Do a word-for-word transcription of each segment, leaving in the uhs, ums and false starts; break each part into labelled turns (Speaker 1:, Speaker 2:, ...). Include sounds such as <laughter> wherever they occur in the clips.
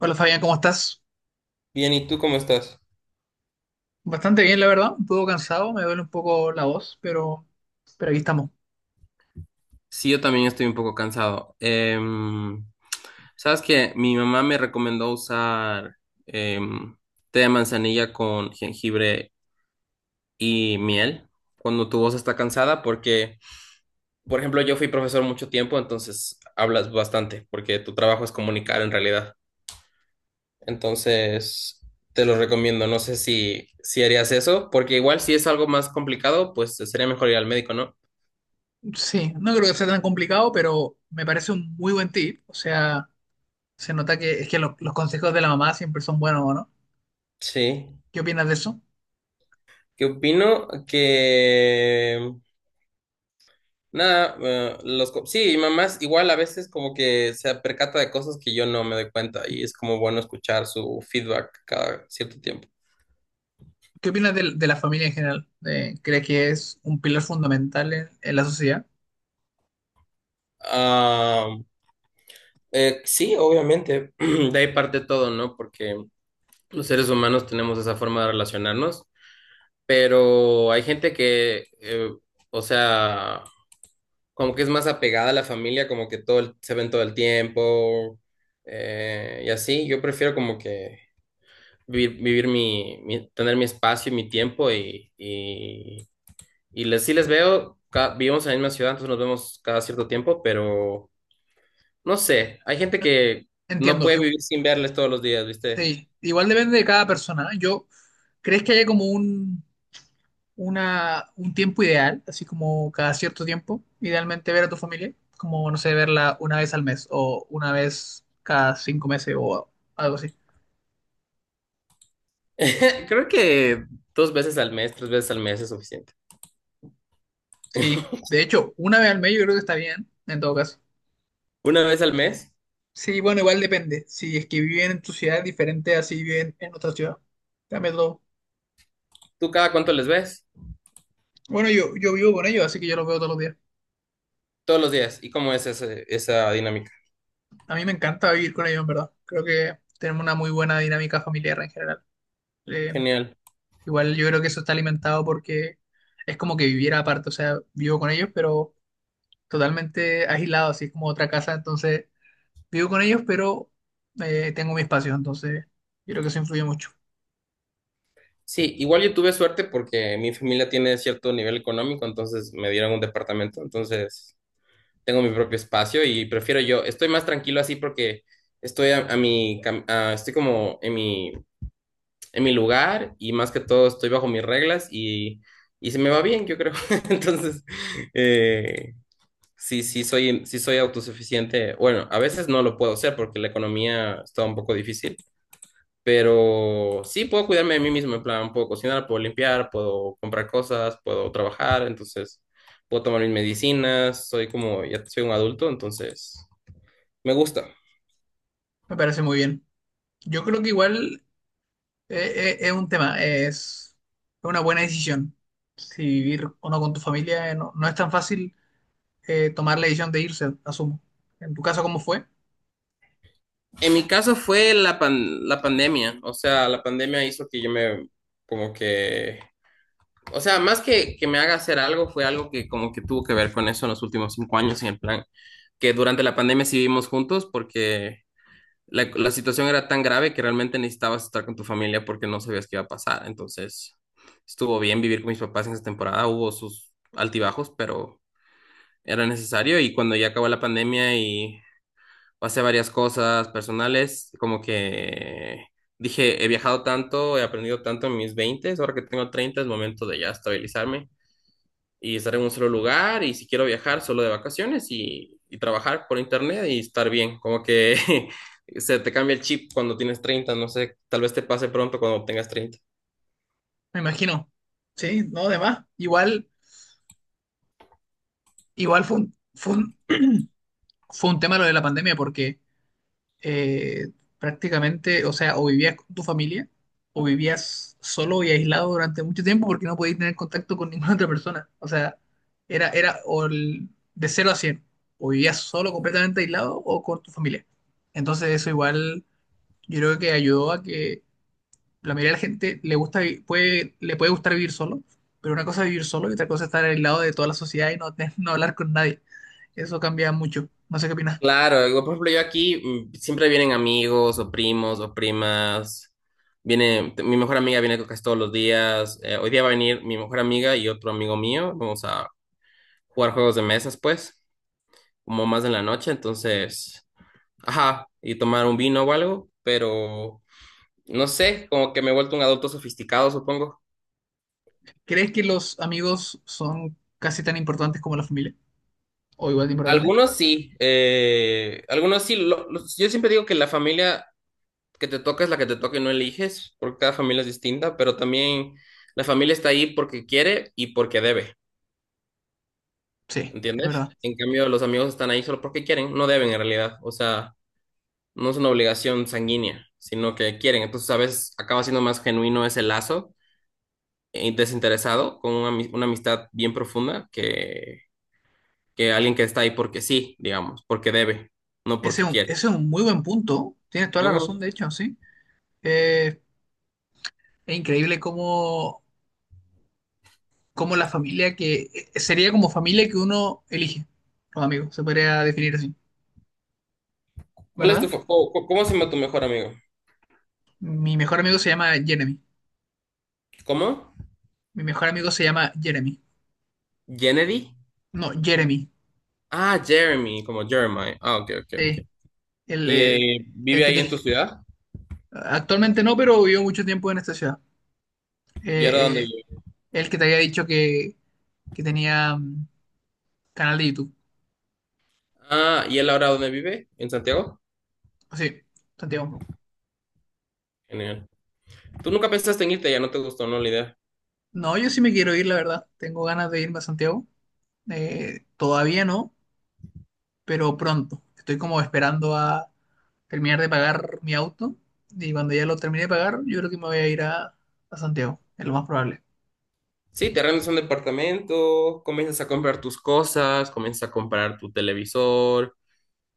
Speaker 1: Hola Fabián, ¿cómo estás?
Speaker 2: Bien, ¿y tú cómo estás?
Speaker 1: Bastante bien, la verdad. Un poco cansado, me duele un poco la voz, pero, pero aquí estamos.
Speaker 2: Sí, yo también estoy un poco cansado. Em, sabes que mi mamá me recomendó usar em, té de manzanilla con jengibre y miel cuando tu voz está cansada, porque, por ejemplo, yo fui profesor mucho tiempo, entonces hablas bastante, porque tu trabajo es comunicar en realidad. Entonces, te lo recomiendo. No sé si, si harías eso, porque igual si es algo más complicado, pues sería mejor ir al médico, ¿no?
Speaker 1: Sí, no creo que sea tan complicado, pero me parece un muy buen tip. O sea, se nota que es que lo- los consejos de la mamá siempre son buenos, ¿o ¿no?
Speaker 2: Sí.
Speaker 1: ¿Qué opinas de eso?
Speaker 2: Que opino que nada, eh, los co- sí, y mamás igual a veces como que se percata de cosas que yo no me doy cuenta y es como bueno escuchar su feedback cada cierto tiempo.
Speaker 1: ¿Qué opinas de, de la familia en general? De- ¿crees que es un pilar fundamental en, en la sociedad?
Speaker 2: Ah, eh, sí, obviamente, <clears throat> de ahí parte todo, ¿no? Porque los seres humanos tenemos esa forma de relacionarnos, pero hay gente que, eh, o sea, como que es más apegada a la familia, como que todo el- se ven todo el tiempo eh, y así. Yo prefiero como que vivir, vivir mi, mi- tener mi espacio y mi tiempo y, y, y les, sí les veo, ca- vivimos en la misma ciudad, entonces nos vemos cada cierto tiempo, pero no sé, hay gente que no
Speaker 1: Entiendo.
Speaker 2: puede
Speaker 1: igu-
Speaker 2: vivir sin verles todos los días, ¿viste?
Speaker 1: sí, igual depende de cada persona. ¿Eh? Yo, ¿crees que haya como un una, un tiempo ideal, así como cada cierto tiempo, idealmente ver a tu familia, como, no sé, verla una vez al mes o una vez cada cinco meses o algo así.
Speaker 2: <laughs> Creo que dos veces al mes, tres veces al mes es suficiente.
Speaker 1: Sí, de hecho, una vez al mes yo creo que está bien, en todo caso.
Speaker 2: Una vez al mes,
Speaker 1: Sí, bueno, igual depende. Si es que viven en tu ciudad es diferente así si viven en otra ciudad, cambia todo.
Speaker 2: ¿tú cada cuánto les ves?
Speaker 1: Bueno, yo, yo vivo con ellos, así que yo los veo todos los días.
Speaker 2: Todos los días. ¿Y cómo es ese- esa dinámica?
Speaker 1: A mí me encanta vivir con ellos, en verdad. Creo que tenemos una muy buena dinámica familiar en general. Eh,
Speaker 2: Genial.
Speaker 1: Igual yo creo que eso está alimentado porque es como que viviera aparte, o sea, vivo con ellos, pero totalmente aislado, así es como otra casa, entonces vivo con ellos, pero eh, tengo mi espacio, entonces yo creo que eso influye mucho.
Speaker 2: Sí, igual yo tuve suerte porque mi familia tiene cierto nivel económico, entonces me dieron un departamento, entonces tengo mi propio espacio y prefiero yo, estoy más tranquilo así porque estoy a, a mi, cam- a- estoy como en mi, en mi lugar y más que todo estoy bajo mis reglas y, y se me va bien, yo creo. <laughs> Entonces, eh, sí, sí soy, sí soy autosuficiente. Bueno, a veces no lo puedo ser porque la economía está un poco difícil. Pero sí puedo cuidarme de mí mismo, en plan, puedo cocinar, puedo limpiar, puedo comprar cosas, puedo trabajar, entonces puedo tomar mis medicinas, soy como, ya soy un adulto, entonces me gusta.
Speaker 1: Me parece muy bien. Yo creo que igual eh, eh, es un tema, es una buena decisión, si vivir o no con tu familia, eh, no, no es tan fácil eh, tomar la decisión de irse, asumo. En tu caso, ¿cómo fue?
Speaker 2: En mi caso fue la pan- la pandemia, o sea, la pandemia hizo que yo me, como que, o sea, más que, que me haga hacer algo, fue algo que como que tuvo que ver con eso en los últimos cinco años, en el plan, que durante la pandemia sí vivimos juntos porque la, la situación era tan grave que realmente necesitabas estar con tu familia porque no sabías qué iba a pasar. Entonces, estuvo bien vivir con mis papás en esa temporada, hubo sus altibajos, pero era necesario y cuando ya acabó la pandemia y pasé varias cosas personales, como que dije, he viajado tanto, he aprendido tanto en mis veinte ahora que tengo treinta es momento de ya estabilizarme y estar en un solo lugar y si quiero viajar solo de vacaciones y, y trabajar por internet y estar bien, como que <laughs> se te cambia el chip cuando tienes treinta no sé, tal vez te pase pronto cuando tengas treinta.
Speaker 1: Me imagino, sí, no, además, igual, igual fue un... fue un- fue un tema lo de la pandemia porque eh, prácticamente, o sea, o vivías con tu familia o vivías solo y aislado durante mucho tiempo porque no podías tener contacto con <laughs> ninguna otra persona. O sea, era, era o el- de cero a cien o vivías solo completamente aislado o con tu familia. Entonces eso igual yo creo que ayudó a que la mayoría de la gente le gusta, vi- puede, le puede gustar vivir solo, pero una cosa es vivir solo y otra cosa es estar aislado de toda la sociedad y no, te- <laughs> no hablar con nadie. Eso cambia mucho. No sé qué opinas.
Speaker 2: Claro, digo, por ejemplo, yo aquí mm, siempre vienen amigos o primos o primas. Viene, t- mi mejor amiga viene casi todos los días. Eh, hoy día va a venir mi mejor amiga y otro amigo mío. Vamos a jugar juegos de mesas, pues, como más en la noche. Entonces, ajá, y tomar un vino o algo, pero no sé, como que me he vuelto un adulto sofisticado, supongo.
Speaker 1: ¿Crees que los amigos son casi tan importantes como la familia? ¿O igual de importantes?
Speaker 2: Algunos sí, eh, algunos sí. Lo- los- yo siempre digo que la familia que te toca es la que te toca y no eliges, porque cada familia es distinta, pero también la familia está ahí porque quiere y porque debe,
Speaker 1: Sí, es
Speaker 2: ¿entiendes?
Speaker 1: verdad.
Speaker 2: En cambio, los amigos están ahí solo porque quieren, no deben en realidad, o sea, no es una obligación sanguínea, sino que quieren, entonces a veces acaba siendo más genuino ese lazo eh, desinteresado con una, ami- una amistad bien profunda que, que alguien que está ahí porque sí, digamos, porque debe, no
Speaker 1: Ese
Speaker 2: porque
Speaker 1: es un,
Speaker 2: quiere.
Speaker 1: ese es un muy buen punto. Tienes toda la razón,
Speaker 2: Ujú.
Speaker 1: de hecho, sí. Eh, es increíble cómo, cómo la familia que... eh, sería como familia que uno elige, los amigos, se podría definir así,
Speaker 2: ¿Cuál es tu,
Speaker 1: ¿verdad?
Speaker 2: fa- cómo, cómo se llama tu mejor amigo?
Speaker 1: Mi mejor amigo se llama Jeremy.
Speaker 2: ¿Cómo?
Speaker 1: Mi mejor amigo se llama Jeremy.
Speaker 2: Kennedy.
Speaker 1: No, Jeremy.
Speaker 2: Ah, Jeremy, como Jeremiah. Ah, ok, ok, ok.
Speaker 1: Sí, el,
Speaker 2: ¿Y
Speaker 1: el,
Speaker 2: eh,
Speaker 1: el
Speaker 2: vive
Speaker 1: que
Speaker 2: ahí
Speaker 1: te...
Speaker 2: en tu ciudad?
Speaker 1: Actualmente no, pero vivió mucho tiempo en esta ciudad.
Speaker 2: ¿Y ahora dónde
Speaker 1: eh, eh,
Speaker 2: vive?
Speaker 1: el que te había dicho que, que tenía mm, canal de YouTube.
Speaker 2: Ah, ¿y él ahora dónde vive? ¿En Santiago?
Speaker 1: Ah, sí, Santiago.
Speaker 2: Genial. ¿Tú nunca pensaste en irte? Ya no te gustó, ¿no? La idea.
Speaker 1: No, yo sí me quiero ir, la verdad. Tengo ganas de irme a Santiago. Eh, todavía no, pero pronto. Estoy como esperando a terminar de pagar mi auto y cuando ya lo termine de pagar, yo creo que me voy a ir a, a Santiago, es lo más probable.
Speaker 2: Sí, te arrendas un departamento, comienzas a comprar tus cosas, comienzas a comprar tu televisor,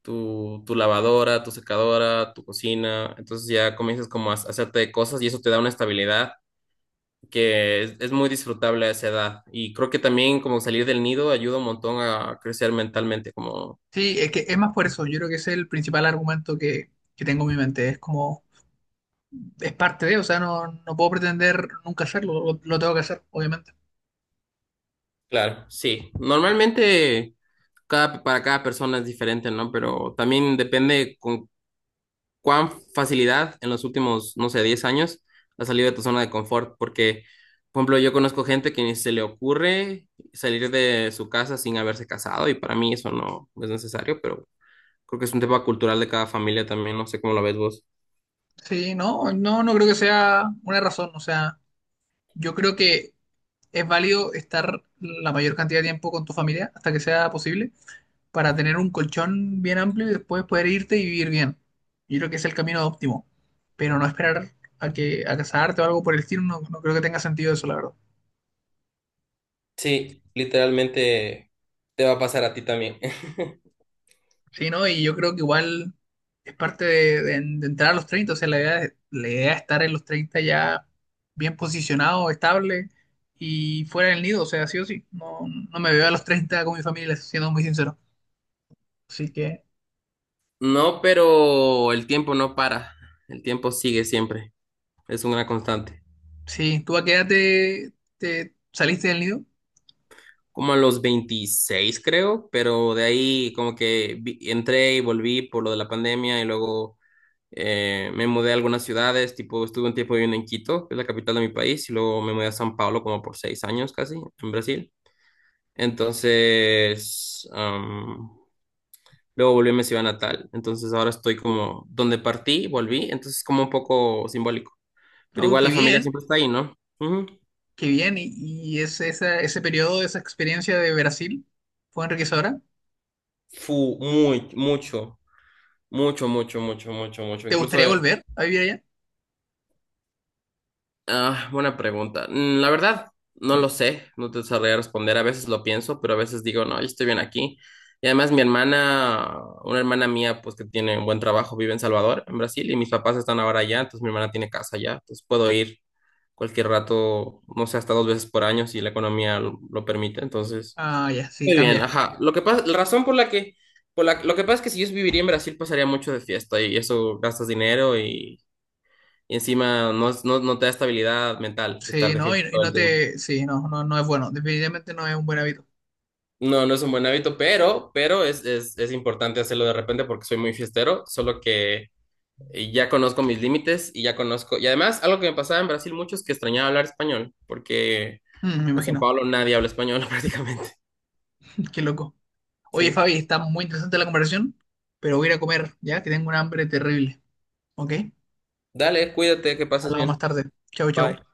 Speaker 2: tu, tu lavadora, tu secadora, tu cocina. Entonces ya comienzas como a hacerte cosas y eso te da una estabilidad que es, es muy disfrutable a esa edad. Y creo que también como salir del nido ayuda un montón a crecer mentalmente, como,
Speaker 1: Sí, es que es más por eso, yo creo que ese es el principal argumento que, que tengo en mi mente, es como, es parte de, o sea, no, no puedo pretender nunca hacerlo, lo, lo tengo que hacer, obviamente.
Speaker 2: claro, sí. Normalmente cada, para cada persona es diferente, ¿no? Pero también depende con cuán facilidad en los últimos, no sé, diez años has salido de tu zona de confort, porque, por ejemplo, yo conozco gente que ni se le ocurre salir de su casa sin haberse casado y para mí eso no es necesario, pero creo que es un tema cultural de cada familia también, no sé cómo lo ves vos.
Speaker 1: Sí, no, no, no creo que sea una razón. O sea, yo creo que es válido estar la mayor cantidad de tiempo con tu familia hasta que sea posible para tener un colchón bien amplio y después poder irte y vivir bien. Yo creo que es el camino óptimo, pero no esperar a que a casarte o algo por el estilo, no, no creo que tenga sentido eso, la verdad.
Speaker 2: Sí, literalmente te va a pasar a ti también. <laughs>
Speaker 1: Sí, ¿no? Y yo creo que igual es parte de, de- de entrar a los treinta, o sea, la idea, es- la idea es estar en los treinta ya bien posicionado, estable y fuera del nido, o sea, sí o sí, no, no me veo a los treinta con mi familia, siendo muy sincero. Así que,
Speaker 2: No, pero el tiempo no para. El tiempo sigue siempre. Es una constante.
Speaker 1: sí, ¿tú a qué edad te, te saliste del nido?
Speaker 2: Como a los veintiséis creo, pero de ahí como que vi- entré y volví por lo de la pandemia y luego eh, me mudé a algunas ciudades, tipo estuve un tiempo viviendo en Quito, que es la capital de mi país, y luego me mudé a San Pablo como por seis años casi, en Brasil. Entonces, luego volví a mi ciudad natal. Entonces ahora estoy como donde partí, volví. Entonces es como un poco simbólico. Pero
Speaker 1: Oh,
Speaker 2: igual la
Speaker 1: qué
Speaker 2: familia
Speaker 1: bien,
Speaker 2: siempre está ahí, ¿no? Ujú.
Speaker 1: qué bien, y, y ese, esa- ese periodo, esa experiencia de Brasil fue enriquecedora.
Speaker 2: Fu, muy, mucho, mucho, mucho, mucho, mucho, mucho.
Speaker 1: ¿Te
Speaker 2: Incluso.
Speaker 1: gustaría volver a vivir allá?
Speaker 2: Ah, buena pregunta. Mm, La verdad, no lo sé, no te sabría responder. A veces lo pienso, pero a veces digo, no, yo estoy bien aquí. Y además mi hermana, una hermana mía, pues que tiene un buen trabajo, vive en Salvador, en Brasil, y mis papás están ahora allá, entonces mi hermana tiene casa allá, entonces puedo ir cualquier rato, no sé, hasta dos veces por año si la economía lo, lo permite. Entonces,
Speaker 1: Ah, ya, sí,
Speaker 2: muy bien,
Speaker 1: cambia.
Speaker 2: ajá. Lo que pasa, la razón por la que, por la, lo que pasa es que si yo viviría en Brasil, pasaría mucho de fiesta y eso gastas dinero y y encima no, es- no, no te da estabilidad mental estar
Speaker 1: Sí,
Speaker 2: de
Speaker 1: no, y,
Speaker 2: fiesta
Speaker 1: y
Speaker 2: todo
Speaker 1: no
Speaker 2: el tiempo.
Speaker 1: te. Sí, no, no, no es bueno. Definitivamente no es un buen hábito.
Speaker 2: No, no es un buen hábito, pero, pero es, es, es importante hacerlo de repente porque soy muy fiestero, solo que eh, ya conozco mis límites y ya conozco. Y además, algo que me pasaba en Brasil mucho es que extrañaba hablar español, porque
Speaker 1: Mm, me
Speaker 2: en San
Speaker 1: imagino.
Speaker 2: Pablo nadie habla español <laughs> prácticamente.
Speaker 1: <laughs> Qué loco. Oye,
Speaker 2: Sí.
Speaker 1: Fabi, está muy interesante la conversación, pero voy a ir a comer, ya que tengo un hambre terrible. ¿Ok?
Speaker 2: Dale, cuídate, que pases
Speaker 1: Hablamos más
Speaker 2: bien.
Speaker 1: tarde. Chau,
Speaker 2: Bye.
Speaker 1: chau.